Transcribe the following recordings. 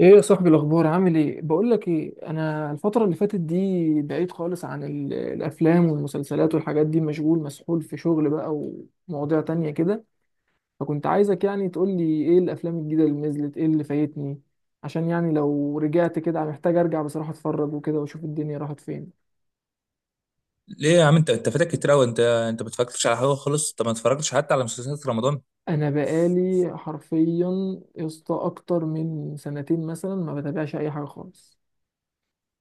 ايه يا صاحبي، الاخبار؟ عامل ايه؟ بقول لك ايه، انا الفتره اللي فاتت دي بعيد خالص عن الافلام والمسلسلات والحاجات دي، مشغول مسحول في شغل بقى، ومواضيع تانية كده. فكنت عايزك يعني تقول لي ايه الافلام الجديده اللي نزلت، ايه اللي فايتني، عشان يعني لو رجعت كده محتاج ارجع بصراحه اتفرج وكده، واشوف الدنيا راحت فين. ليه يا عم، انت فاتك كتير قوي. انت ما اتفرجتش على حاجه خالص. انت ما اتفرجتش حتى على مسلسلات رمضان. انا بقالي حرفيا يا اسطى اكتر من سنتين مثلا ما بتابعش اي حاجه خالص.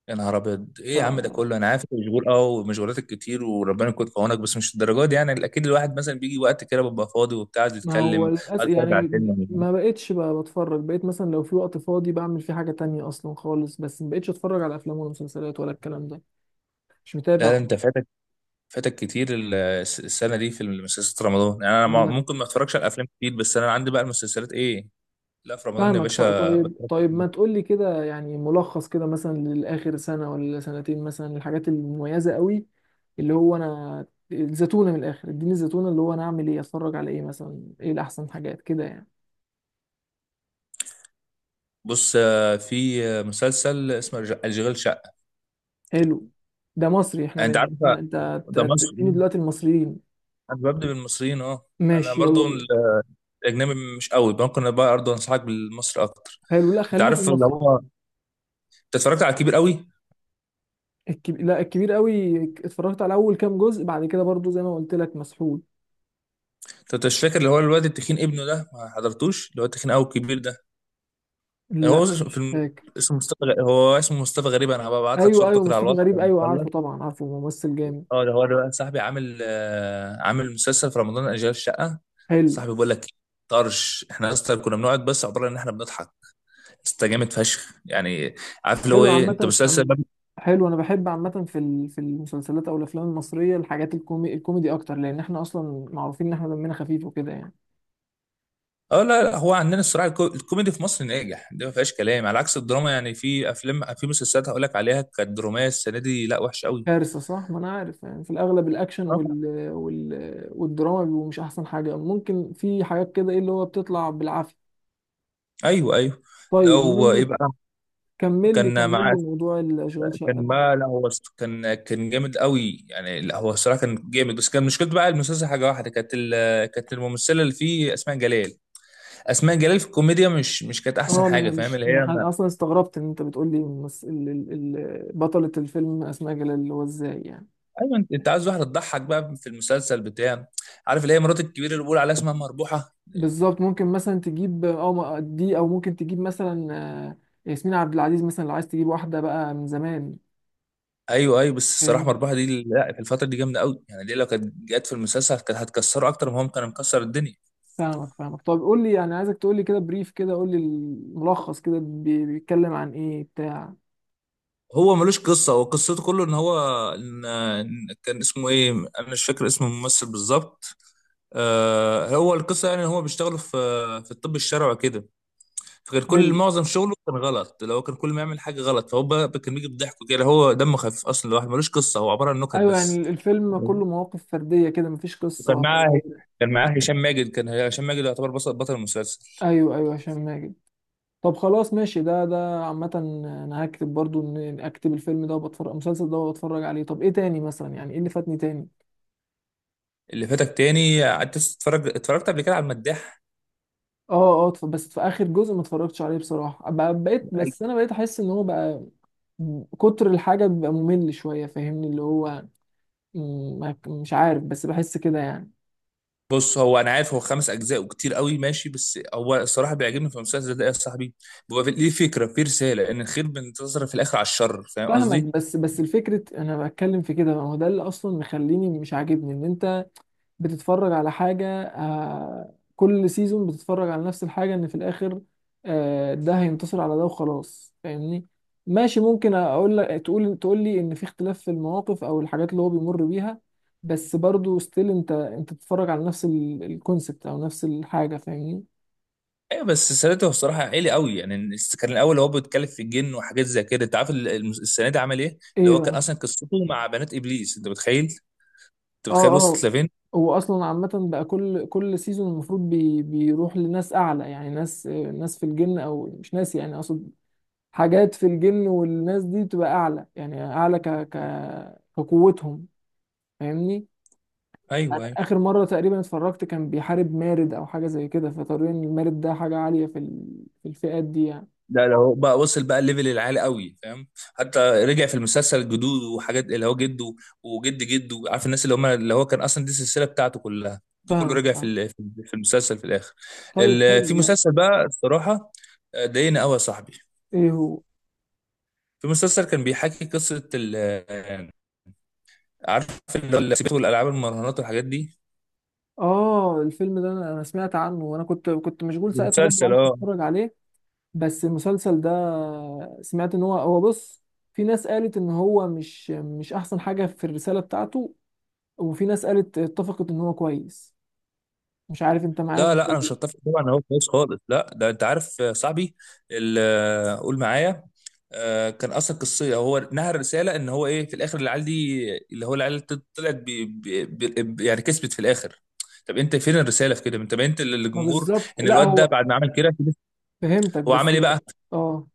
يا نهار ابيض! ايه يا عم ده كله؟ انا عارف انت مشغول، ومشغولاتك كتير وربنا يكون في عونك، بس مش الدرجات دي. يعني اكيد الواحد مثلا بيجي وقت كده ببقى فاضي وبتاع، عايز ما هو يتكلم، للأسف عايز يتفرج على يعني. فيلم ولا حاجة. ما بقتش بقى بتفرج، بقيت مثلا لو في وقت فاضي بعمل فيه حاجة تانية أصلا خالص، بس ما بقتش أتفرج على أفلام ولا مسلسلات ولا الكلام ده. مش متابع لا لا، انت خالص. فاتك كتير. السنه دي في المسلسلات رمضان. يعني انا طب ما- ما، ممكن ما اتفرجش على الافلام كتير، بس انا عندي بقى المسلسلات، ايه؟ لا، في رمضان يا فاهمك. باشا طيب، بتفرج. طيب، ما تقولي كده يعني ملخص كده، مثلا للآخر سنة ولا سنتين، مثلا الحاجات المميزة قوي اللي هو أنا. الزتونة، من الآخر اديني الزتونة، اللي هو أنا أعمل إيه؟ أتفرج على إيه مثلا؟ إيه الأحسن حاجات كده يعني؟ بص، في مسلسل اسمه الجغل شقه. حلو. ده مصري؟ انت عارف ده أنت مصر. تديني دلوقتي المصريين؟ انا ببدأ بالمصريين، اه. انا ماشي، برضو يلا بينا. الاجنبي مش قوي. ممكن بقى برضو انصحك بالمصري اكتر. حلو. لا، انت خلينا في عارف اللي المصري. هو، انت اتفرجت على الكبير قوي؟ لا، الكبير قوي اتفرجت على اول كام جزء، بعد كده برضو زي ما قلت لك مسحول. انت مش فاكر اللي هو الواد التخين ابنه ده؟ ما حضرتوش اللي هو التخين قوي الكبير ده؟ لا. هو في مش فاكر. اسمه هو اسمه مصطفى غريب. انا هبعت لك ايوه، صورته ايوه، كده على مصطفى الواتس غريب، لما ايوه نخلص. عارفه، طبعا عارفه، ممثل جامد. اه، ده هو ده بقى صاحبي. عامل عامل مسلسل في رمضان، اجيال الشقه. حلو. صاحبي بيقول لك طرش. احنا اصلا كنا بنقعد بس عباره ان احنا بنضحك. استجامد فشخ يعني. عارف اللي هو حلو ايه انت، عامه مسلسل؟ حلو، انا بحب عامه في المسلسلات او الافلام المصريه الحاجات الكوميدي اكتر، لان احنا اصلا معروفين ان احنا دمنا خفيف وكده يعني. اه لا لا، هو عندنا الصراحه الكوميدي في مصر ناجح، دي ما فيهاش كلام، على عكس الدراما. يعني في افلام، في مسلسلات هقول لك عليها كانت دراميه السنه دي، لا وحشه قوي. كارثه، صح. ما انا عارف يعني، في الاغلب الاكشن آه. والدراما بيبقوا مش احسن حاجه، ممكن في حاجات كده ايه اللي هو بتطلع بالعافيه. ايوه ايوه. طيب، لو ايه المهم، بقى. كمل لي كان كمل مع لي موضوع الاشغال شقه كان ده. ما لا، هو كان جامد قوي يعني. لا، هو الصراحه كان جامد، بس كان مشكلته بقى المسلسل حاجه واحده، كانت الممثله اللي فيه اسماء جلال. اسماء جلال في الكوميديا مش كانت احسن اه، ما حاجه، انا فاهم مش اللي ما هي؟ ح- اصلا استغربت ان انت بتقول لي مس... ال... ال... ال... بطله الفيلم اسماء جلال، اللي هو ازاي يعني؟ ايوه، انت عايز واحده تضحك بقى في المسلسل بتاع. عارف اللي هي مرات الكبير اللي بيقول عليها اسمها مربوحه. بالظبط، ممكن مثلا تجيب اه دي، او ممكن تجيب مثلا آه، ياسمين عبد العزيز مثلا، لو عايز تجيب واحده بقى من زمان. ايوه ايوه، بس الصراحه فاهم، مربحه دي لا، في الفتره دي جامده قوي. يعني دي لو كانت جت في المسلسل كانت هتكسره اكتر، ما هو كان مكسر الدنيا. فاهمك، فاهمك. طب قول لي يعني، عايزك تقول لي كده بريف كده، قول لي الملخص كده، بيتكلم عن ايه بتاع. هو ملوش قصه. هو قصته كله ان هو إن كان اسمه ايه؟ انا مش فاكر اسم الممثل بالظبط. هو القصه يعني ان هو بيشتغل في الطب الشرعي كده. فكان كل حلو. معظم شغله كان غلط، لو كان كل ما يعمل حاجه غلط فهو بقى كان بيجي بضحكه كده. هو دمه خفيف اصلا. الواحد ملوش قصه، هو عباره عن نكت ايوه، يعني بس. الفيلم كله مواقف فرديه كده مفيش وكان قصه. معاه دايرة. كان معاه هشام ماجد. كان هشام ماجد يعتبر بطل المسلسل. ايوه، ايوه، هشام ماجد. طب خلاص، ماشي. ده عامة انا هكتب برضو ان اكتب الفيلم ده وبتفرج المسلسل ده وبتفرج عليه. طب ايه تاني مثلا؟ يعني ايه اللي فاتني تاني؟ اللي فاتك تاني، قعدت تتفرج اتفرجت قبل كده على المداح. اه، اه، بس في اخر جزء ما اتفرجتش عليه بصراحة، بقيت، بس انا بقيت احس ان هو بقى كتر الحاجة بيبقى ممل شوية، فاهمني، اللي هو م، ما- مش عارف، بس بحس كده يعني. بص، هو انا عارف هو خمس اجزاء وكتير قوي، ماشي. بس هو الصراحه بيعجبني في المسلسل ده يا صاحبي. ليه فكره، في رساله ان الخير بينتصر في الاخر على الشر، فاهم فاهمك، قصدي؟ بس الفكرة انا بتكلم في كده، ما هو ده اللي اصلا مخليني مش عاجبني ان انت بتتفرج على حاجة، كل سيزون بتتفرج على نفس الحاجة، ان في الاخر ده هينتصر على ده وخلاص، فاهمني. ماشي، ممكن اقول لك، تقول لي ان في اختلاف في المواقف او الحاجات اللي هو بيمر بيها، بس برضو ستيل انت بتتفرج على نفس الكونسبت او نفس الحاجة، فاهمني. ايوه بس السنه دي هو الصراحه عالي قوي يعني. كان الاول هو بيتكلم في الجن وحاجات زي كده. انت عارف السنه دي عمل ايه؟ اللي ايه هو كان بقى؟ اصلا قصته مع بنات ابليس، انت متخيل؟ انت اه، متخيل وصلت اه، لفين؟ هو اصلا عامة بقى كل سيزون المفروض بيروح لناس اعلى، يعني ناس، ناس في الجن، او مش ناس يعني اقصد حاجات في الجن، والناس دي بتبقى اعلى يعني اعلى كقوتهم، فاهمني. يعني ايوه ايوه. اخر مره تقريبا اتفرجت كان بيحارب مارد او حاجه زي كده، فطبيعي ان المارد ده حاجه عاليه في الفئات دي يعني. ده لو بقى وصل بقى الليفل العالي قوي، فاهم؟ حتى رجع في المسلسل جدوده وحاجات، اللي هو جده وجد جده، عارف الناس اللي هم اللي هو كان اصلا دي السلسله بتاعته كلها. ده كله فاهمك، رجع فاهم. في المسلسل في الاخر. طيب، في حلو. لا. مسلسل بقى الصراحه ضايقني قوي يا صاحبي. ايه هو؟ في مسلسل كان بيحكي قصه ال آه، عارف اللي هو السبت والالعاب المراهنات والحاجات دي. اه، الفيلم ده انا سمعت عنه، وانا كنت مشغول ده ساعتها، برضه مسلسل، عارف اه. اتفرج عليه. بس المسلسل ده سمعت ان هو بص، في ناس قالت ان هو مش احسن حاجه في الرساله بتاعته، وفي ناس قالت اتفقت ان هو كويس. مش عارف انت معايا في لا لا، انا مش الكلام. هتفق طبعا. هو كويس خالص، لا. ده انت عارف يا صاحبي قول معايا. كان اصلا قصيه هو نهى، رساله ان هو ايه في الاخر العيال دي اللي هو العيال طلعت بي يعني، كسبت في الاخر. طب انت فين الرساله في كده؟ انت بينت ما للجمهور بالظبط. ان لا، الواد ده هو. بعد ما عمل كده، فهمتك، هو عمل بس ايه بقى اه،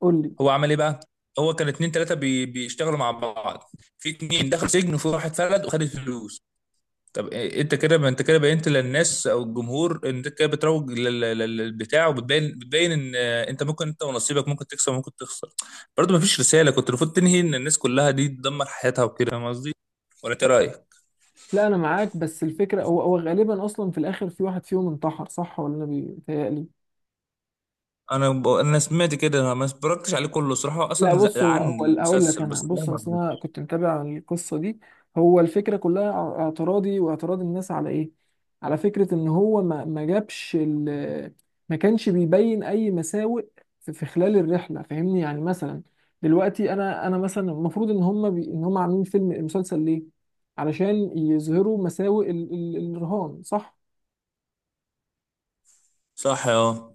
قول لي. هو عمل ايه بقى؟ هو كان اتنين تلاته بيشتغلوا مع بعض. في اتنين دخل سجن، وفي واحد فلت وخد الفلوس. طب انت كده بينت للناس او الجمهور ان انت كده بتروج للبتاع، بتبين ان انت ممكن انت ونصيبك، ممكن تكسب وممكن تخسر. برضه مفيش رساله. كنت المفروض تنهي ان الناس كلها دي تدمر حياتها وكده، فاهم قصدي؟ ولا انت إيه رايك؟ لا، انا معاك. بس الفكره هو غالبا اصلا في الاخر في واحد فيهم انتحر، صح، ولا انا بيتهيألي؟ انا سمعت كده. انا ما اتفرجتش عليه كله صراحه. هو لا اصلا بص، هو زعلان هو هقول لك المسلسل، انا، بس أنا بص، ما اصل انا رضيتش. كنت متابع القصه دي. هو الفكره كلها اعتراضي واعتراض الناس على ايه، على فكره ان هو ما جابش ما كانش بيبين اي مساوئ في خلال الرحله، فاهمني يعني مثلا، دلوقتي انا مثلا المفروض ان هم ان هم عاملين فيلم مسلسل ليه، علشان يظهروا مساوئ الرهان، صح؟ صح، اه.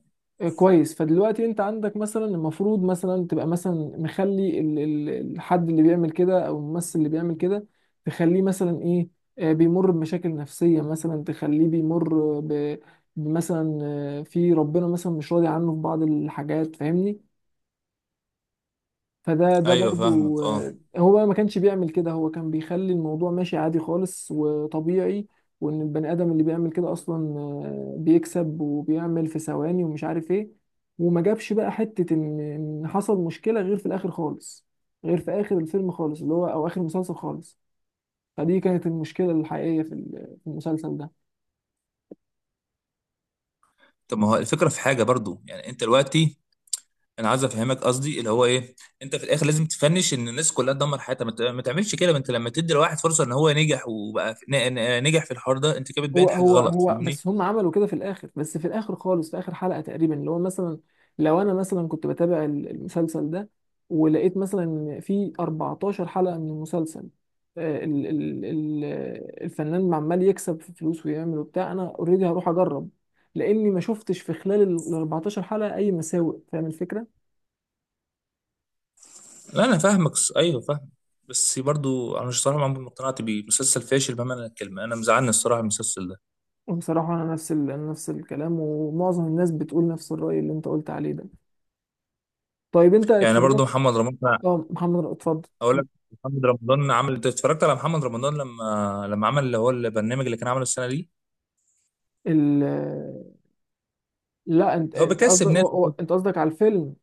كويس، فدلوقتي انت عندك مثلا المفروض مثلا تبقى مثلا مخلي الحد اللي بيعمل كده، او الممثل اللي بيعمل كده، تخليه مثلا ايه، بيمر بمشاكل نفسية، مثلا تخليه بيمر بمثلا في ربنا مثلا مش راضي عنه في بعض الحاجات، فاهمني. فده ايوه برضو، فاهمك، اه. هو بقى ما كانش بيعمل كده، هو كان بيخلي الموضوع ماشي عادي خالص وطبيعي. وان البني ادم اللي بيعمل كده اصلا بيكسب وبيعمل في ثواني ومش عارف ايه، وما جابش بقى حتة ان حصل مشكلة غير في الاخر خالص، غير في اخر الفيلم خالص، اللي هو، او اخر المسلسل خالص. فدي كانت المشكلة الحقيقية في المسلسل ده. طب ما هو الفكره في حاجه برضو يعني. انت دلوقتي، انا عايز افهمك قصدي اللي هو ايه. انت في الاخر لازم تفنش ان الناس كلها تدمر حياتها، ما تعملش كده. ما انت لما تدي لواحد فرصه ان هو نجح وبقى نجح في الحوار ده، انت كده هو بتبين حاجه هو غلط، هو فاهمني؟ بس هم عملوا كده في الاخر، بس في الاخر خالص، في اخر حلقة تقريبا اللي هو مثلا، لو انا مثلا كنت بتابع المسلسل ده، ولقيت مثلا إن في 14 حلقة من المسلسل، ال ال ال الفنان عمال يكسب في فلوس ويعمل وبتاع، انا اوريدي هروح اجرب، لاني ما شفتش في خلال ال 14 حلقة اي مساوئ، فاهم الفكرة؟ لا، انا فاهمك. ايوه فاهم. بس برضو انا مش صراحه عمري ما اقتنعت بيه. مسلسل فاشل بمعنى الكلمه. انا مزعلني الصراحه المسلسل ده. بصراحة انا نفس ال أنا نفس الكلام، ومعظم الناس بتقول نفس الرأي اللي انت قلت عليه ده. طيب، انت يعني اتفرجت؟ برضو محمد رمضان، اه، محمد، اتفضل. اقول لك. محمد رمضان عمل انت اتفرجت على محمد رمضان لما عمل اللي هو البرنامج اللي كان عامله السنه دي؟ ال- لا، انت هو انت بيكسب قصدك ناس. انت قصدك على الفيلم؟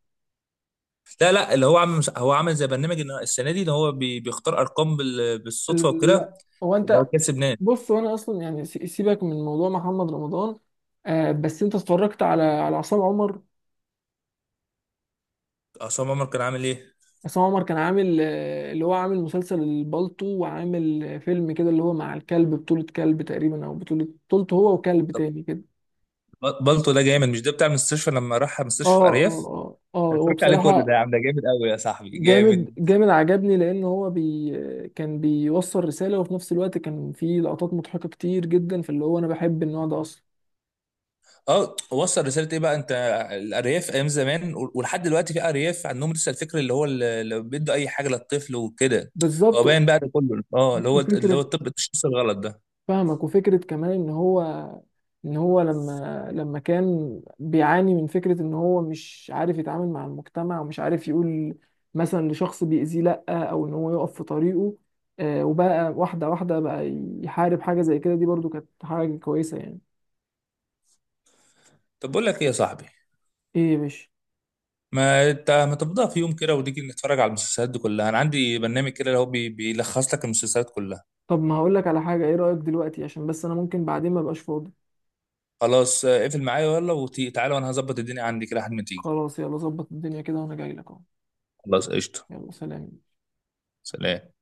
لا لا، اللي هو عامل مش... هو عامل زي برنامج ان السنه دي اللي هو بيختار ارقام بالصدفه لا وكده. هو، اللي هو انت كسب ناس. بص، هو انا اصلا يعني سيبك من موضوع محمد رمضان. بس انت اتفرجت على عصام عمر؟ عصام عمر كان عامل ايه؟ عصام عمر كان عامل اللي هو عامل مسلسل البالطو، وعامل فيلم كده اللي هو مع الكلب، بطولة كلب تقريبا، او بطولته هو وكلب تاني كده. بالطو ده جامد. مش ده بتاع المستشفى لما راح اه، مستشفى اه، ارياف؟ اه، اه، هو اتفرجت عليه كله ده بصراحة يا عم. ده جامد قوي يا صاحبي، جامد جامد. جامد عجبني، لان هو كان بيوصل رسالة، وفي نفس الوقت كان فيه لقطات مضحكة كتير جدا، فاللي هو انا بحب النوع ده اصلا. اه، وصل رساله ايه بقى انت؟ الارياف ايام زمان ولحد دلوقتي في ارياف عندهم لسه الفكر اللي هو اللي بيدوا اي حاجه للطفل وكده. هو بالظبط. باين بقى ده كله، اه. اللي وفكرة، هو الطب، التشخيص الغلط ده. فاهمك، وفكرة كمان ان هو لما كان بيعاني من فكرة ان هو مش عارف يتعامل مع المجتمع، ومش عارف يقول مثلا لشخص بيأذيه لأ، او ان هو يقف في طريقه، وبقى واحدة واحدة بقى يحارب حاجة زي كده، دي برضو كانت حاجة كويسة يعني. طب بقول لك ايه يا صاحبي. ايه يا باشا؟ ما انت ما تفضى في يوم كده وتيجي نتفرج على المسلسلات دي كلها؟ انا عندي برنامج كده اللي هو بيلخص لك المسلسلات كلها. طب ما هقولك على حاجة، ايه رأيك دلوقتي؟ عشان بس انا ممكن بعدين ما بقاش فاضي. خلاص، اقفل معايا. يلا، وتعالى، وانا هظبط الدنيا عندي كده لحد ما تيجي. خلاص، يلا ظبط الدنيا كده، وانا جاي لك اهو. خلاص، قشطة. يلا، سلام. سلام.